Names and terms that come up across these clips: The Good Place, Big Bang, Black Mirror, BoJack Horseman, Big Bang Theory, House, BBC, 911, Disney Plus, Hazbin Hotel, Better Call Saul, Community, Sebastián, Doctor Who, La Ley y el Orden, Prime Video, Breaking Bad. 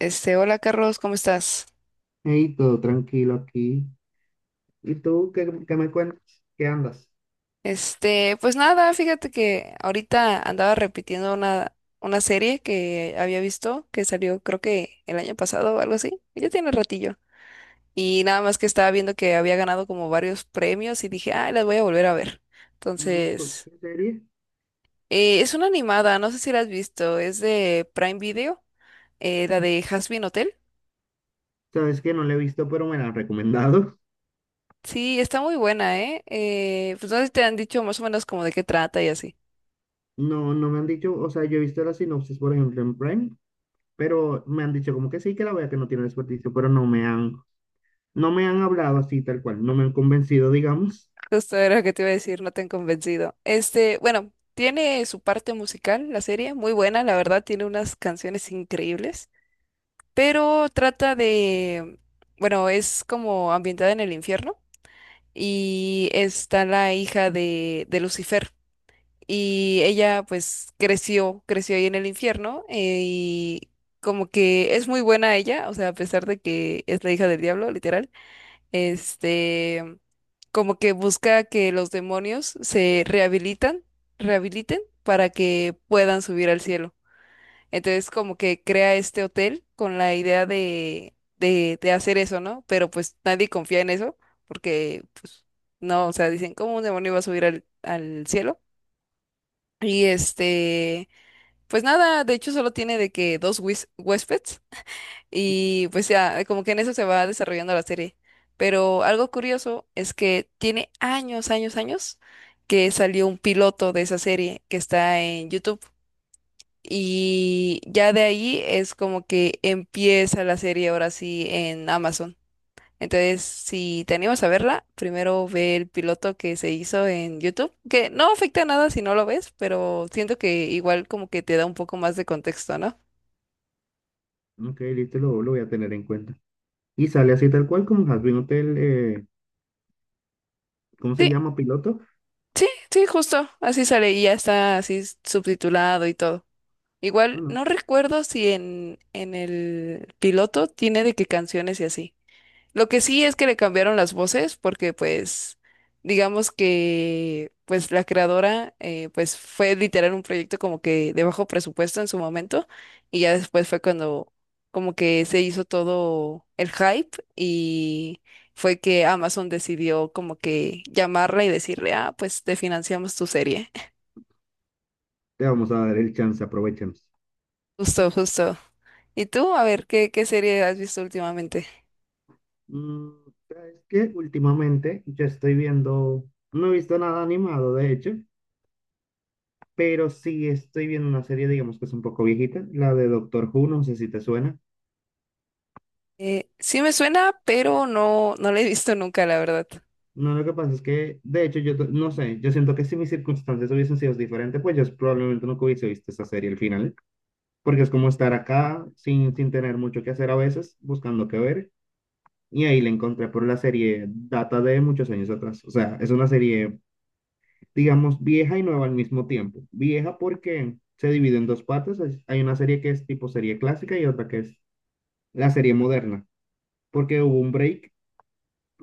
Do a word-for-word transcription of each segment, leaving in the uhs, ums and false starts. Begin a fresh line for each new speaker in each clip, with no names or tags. Este, hola Carlos, ¿cómo estás?
Hey, todo tranquilo aquí. ¿Y tú qué, qué me cuentas? ¿Qué andas?
Este, pues nada, fíjate que ahorita andaba repitiendo una, una serie que había visto, que salió creo que el año pasado o algo así, ya tiene ratillo. Y nada más que estaba viendo que había ganado como varios premios y dije, ah, las voy a volver a ver.
Mm, ¿con
Entonces,
¿Qué serie?
eh, es una animada, no sé si la has visto, es de Prime Video, eh, la de Hazbin Hotel.
Sabes que no la he visto, pero me la han recomendado.
Sí, está muy buena, ¿eh? Eh, pues no sé si te han dicho más o menos como de qué trata y así.
No, no me han dicho, o sea, yo he visto la sinopsis, por ejemplo, en Prime, pero me han dicho como que sí, que la vea, que no tiene desperdicio, pero no me han, no me han hablado así tal cual, no me han convencido, digamos.
Justo era lo que te iba a decir, no te han convencido. Este, bueno, tiene su parte musical, la serie, muy buena, la verdad, tiene unas canciones increíbles, pero trata de, bueno, es como ambientada en el infierno y está la hija de, de Lucifer y ella pues creció, creció ahí en el infierno eh, y como que es muy buena ella, o sea, a pesar de que es la hija del diablo, literal, este, como que busca que los demonios se rehabilitan, rehabiliten para que puedan subir al cielo. Entonces, como que crea este hotel con la idea de, de, de hacer eso, ¿no? Pero pues nadie confía en eso, porque pues no, o sea, dicen, ¿cómo un demonio va a subir al, al cielo? Y este, pues nada, de hecho solo tiene de que dos huis- huéspedes y pues ya, como que en eso se va desarrollando la serie. Pero algo curioso es que tiene años, años, años que salió un piloto de esa serie que está en YouTube. Y ya de ahí es como que empieza la serie ahora sí en Amazon. Entonces, si te animas a verla, primero ve el piloto que se hizo en YouTube, que no afecta nada si no lo ves, pero siento que igual como que te da un poco más de contexto, ¿no?
Ok, listo, lo, lo voy a tener en cuenta. Y sale así tal cual como Has Been Hotel, eh, ¿cómo se
Sí.
llama? Piloto.
Sí, sí, justo, así sale y ya está así subtitulado y todo. Igual
Bueno,
no recuerdo si en, en el piloto tiene de qué canciones y así. Lo que sí es que le cambiaron las voces porque pues digamos que pues la creadora, eh, pues fue literal un proyecto como que de bajo presupuesto en su momento y ya después fue cuando como que se hizo todo el hype y fue que Amazon decidió como que llamarla y decirle, ah, pues te financiamos tu serie.
te vamos a dar el chance, aprovechemos.
Justo, justo. ¿Y tú? A ver, ¿qué, qué serie has visto últimamente?
Mm, es que últimamente yo estoy viendo, no he visto nada animado, de hecho, pero sí estoy viendo una serie, digamos que es un poco viejita, la de Doctor Who, no sé si te suena.
Eh, sí me suena, pero no, no la he visto nunca, la verdad.
No, lo que pasa es que, de hecho, yo to- no sé, yo siento que si mis circunstancias hubiesen sido diferentes, pues yo probablemente nunca hubiese visto esa serie al final, porque es como estar acá sin, sin tener mucho que hacer a veces, buscando qué ver, y ahí la encontré por la serie, data de muchos años atrás, o sea, es una serie digamos, vieja y nueva al mismo tiempo. Vieja porque se divide en dos partes. Hay hay una serie que es tipo serie clásica y otra que es la serie moderna, porque hubo un break.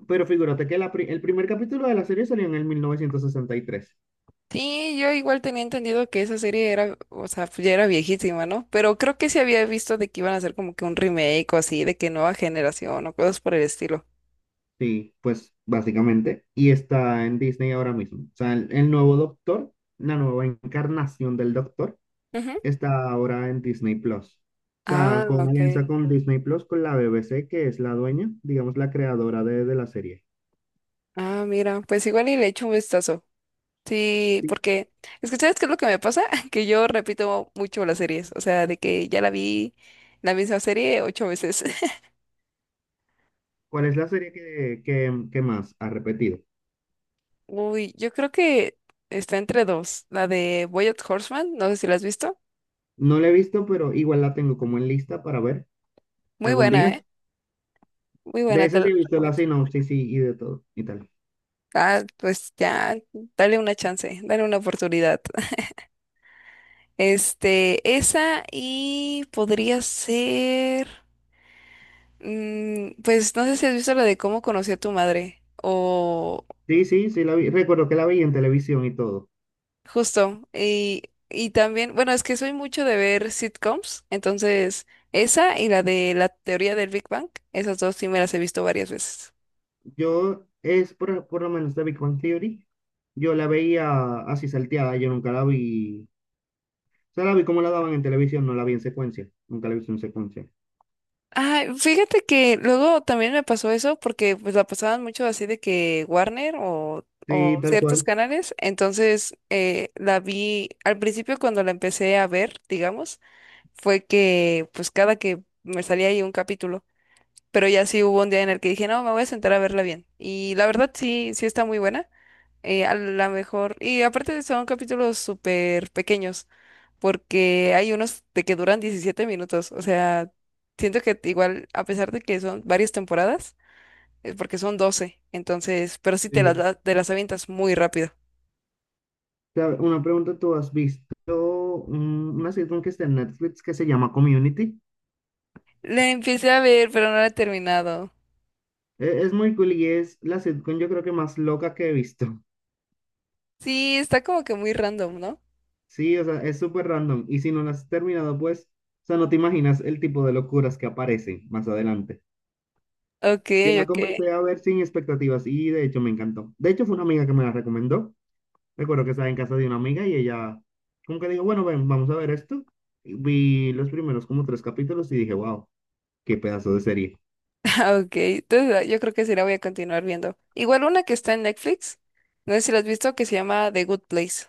Pero figúrate que la pri- el primer capítulo de la serie salió en el mil novecientos sesenta y tres.
Sí, yo igual tenía entendido que esa serie era, o sea, pues ya era viejísima, ¿no? Pero creo que sí había visto de que iban a hacer como que un remake o así, de que nueva generación o cosas por el estilo.
Sí, pues básicamente. Y está en Disney ahora mismo. O sea, el, el nuevo Doctor, la nueva encarnación del Doctor,
Ujú.
está ahora en Disney Plus. O sea,
Ah,
con una
ok.
alianza con Disney Plus, con la B B C, que es la dueña, digamos, la creadora de, de la serie.
Ah, mira, pues igual y le echo un vistazo. Sí, porque es que ¿sabes qué es lo que me pasa? Que yo repito mucho las series, o sea, de que ya la vi la misma serie ocho veces.
¿Cuál es la serie que, que, que más ha repetido?
Uy, yo creo que está entre dos, la de BoJack Horseman, no sé si la has visto.
No la he visto, pero igual la tengo como en lista para ver
Muy
algún
buena,
día.
¿eh? Muy
De
buena, te
esa
la
sí he visto la
recomiendo.
sinopsis y, y de todo y tal.
Ah, pues ya, dale una chance, dale una oportunidad. Este, esa y podría ser, mm, pues no sé si has visto la de cómo conocí a tu madre o
Sí, sí, sí la vi. Recuerdo que la vi en televisión y todo.
justo. Y, y también, bueno, es que soy mucho de ver sitcoms, entonces esa y la de la teoría del Big Bang, esas dos sí me las he visto varias veces.
Yo es por, por lo menos de Big Bang Theory. Yo la veía así salteada, yo nunca la vi. O sea, la vi como la daban en televisión, no la vi en secuencia. Nunca la he visto en secuencia.
Ay, fíjate que luego también me pasó eso porque pues la pasaban mucho así de que Warner o,
Sí,
o
tal
ciertos
cual.
canales, entonces eh, la vi al principio cuando la empecé a ver, digamos, fue que pues cada que me salía ahí un capítulo, pero ya sí hubo un día en el que dije, no, me voy a sentar a verla bien. Y la verdad sí, sí está muy buena, eh, a la mejor, y aparte son capítulos súper pequeños porque hay unos de que duran diecisiete minutos. O sea, siento que igual, a pesar de que son varias temporadas, eh, porque son doce entonces, pero sí te
Sí.
las, da- te las avientas muy rápido.
Ta- Una pregunta, ¿tú has visto un- una sitcom que está en Netflix que se llama Community?
La empecé a ver, pero no la he terminado.
E- Es muy cool y es la sitcom yo creo que más loca que he visto.
Sí, está como que muy random, ¿no?
Sí, o sea, es súper random. Y si no la has terminado, pues, o sea, no te imaginas el tipo de locuras que aparecen más adelante.
Ok,
Yo la
ok,
comencé a ver sin expectativas y de hecho me encantó. De hecho fue una amiga que me la recomendó. Recuerdo que estaba en casa de una amiga y ella como que dijo, bueno, ven, vamos a ver esto. Y vi los primeros como tres capítulos y dije, wow, qué pedazo de serie.
ok. Entonces, ah, yo creo que sí la voy a continuar viendo. Igual una que está en Netflix, no sé si la has visto, que se llama The Good Place.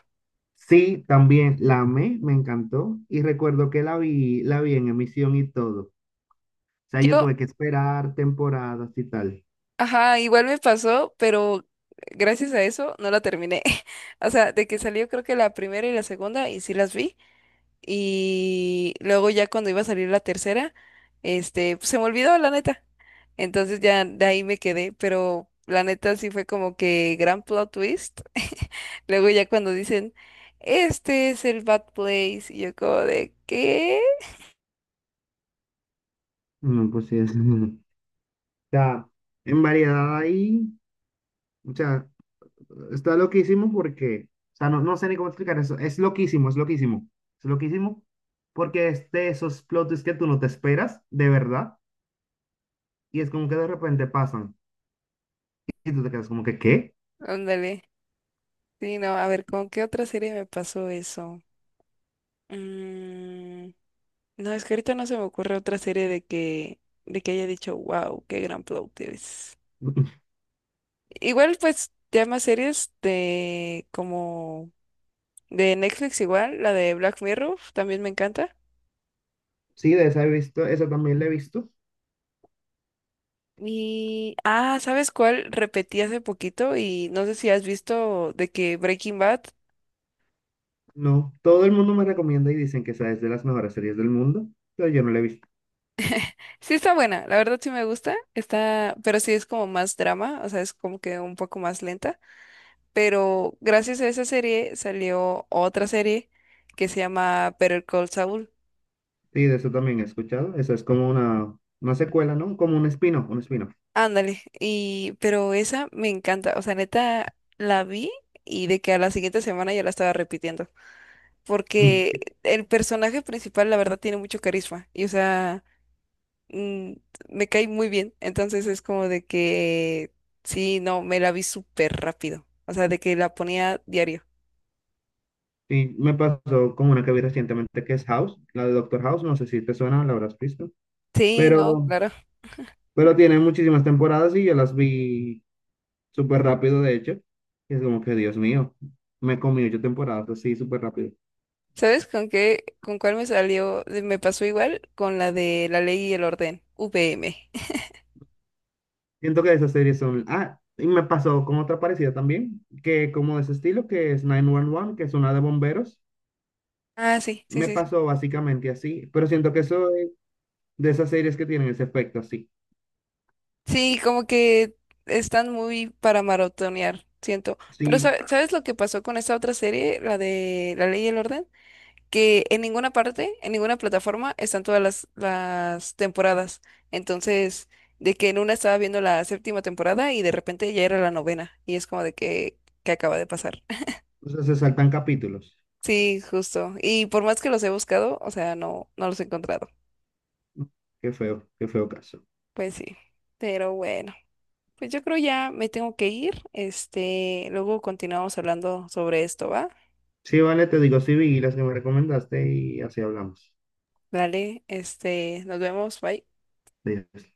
Sí, también la amé, me encantó y recuerdo que la vi, la vi en emisión y todo. O sea, yo
Yo.
tuve que esperar temporadas y tal.
Ajá, igual me pasó, pero gracias a eso no la terminé. O sea, de que salió creo que la primera y la segunda y sí las vi. Y luego ya cuando iba a salir la tercera, este, pues, se me olvidó la neta. Entonces ya de ahí me quedé, pero la neta sí fue como que gran plot twist. Luego ya cuando dicen, este es el Bad Place, y yo como de, ¿qué?
No, pues sí, es. O sea, en variedad ahí, o sea, está loquísimo porque, o sea, no, no sé ni cómo explicar eso. Es loquísimo, es loquísimo. Es loquísimo porque es de esos plot twists que tú no te esperas, de verdad, y es como que de repente pasan y tú te quedas como que, ¿qué?
Ándale. Sí, no, a ver, ¿con qué otra serie me pasó eso? Mm. No, es que ahorita no se me ocurre otra serie de que, de que haya dicho, wow, qué gran plot twist. Igual, pues, ya más series de como de Netflix igual, la de Black Mirror, también me encanta.
Sí, de esa he visto, esa también la he visto.
Y, ah, ¿sabes cuál? Repetí hace poquito y no sé si has visto de que Breaking Bad.
No, todo el mundo me recomienda y dicen que esa es de las mejores series del mundo, pero yo no la he visto.
Sí está buena, la verdad sí me gusta, está, pero sí es como más drama, o sea, es como que un poco más lenta. Pero gracias a esa serie salió otra serie que se llama Better Call Saul.
Sí, de eso también he escuchado. Eso es como una, una secuela, ¿no? Como un espino, un espino.
Ándale, y pero esa me encanta, o sea, neta la vi y de que a la siguiente semana ya la estaba repitiendo, porque el personaje principal la verdad tiene mucho carisma y o sea, mm, me cae muy bien, entonces es como de que sí, no, me la vi súper rápido, o sea, de que la ponía diario.
Y me pasó con una que vi recientemente que es House, la de Doctor House. No sé si te suena, la habrás visto.
Sí, no,
Pero,
claro.
pero tiene muchísimas temporadas y yo las vi súper rápido, de hecho. Y es como que, Dios mío, me comí ocho temporadas así súper rápido.
¿Sabes con qué, con cuál me salió? de- Me pasó igual con la de La Ley y el Orden, V M.
Siento que esas series son... Ah, y me pasó con otra parecida también, que como de ese estilo, que es nueve once, que es una de bomberos.
Ah, sí, sí,
Me
sí, sí.
pasó básicamente así, pero siento que eso de esas series que tienen ese efecto así.
Sí, como que están muy para maratonear, siento. Pero
Sí,
sa- ¿sabes lo que pasó con esta otra serie, la de La Ley y el Orden? Que en ninguna parte, en ninguna plataforma están todas las, las temporadas. Entonces, de que en una estaba viendo la séptima temporada y de repente ya era la novena. Y es como de que, ¿qué acaba de pasar?
o sea, se saltan capítulos.
Sí, justo. Y por más que los he buscado, o sea, no, no los he encontrado.
Qué feo, qué feo caso.
Pues sí. Pero bueno, pues yo creo ya me tengo que ir. Este, luego continuamos hablando sobre esto, ¿va?
Sí, vale, te digo, sí vi las que me recomendaste y así hablamos
Dale, este, nos vemos, bye.
de ellas.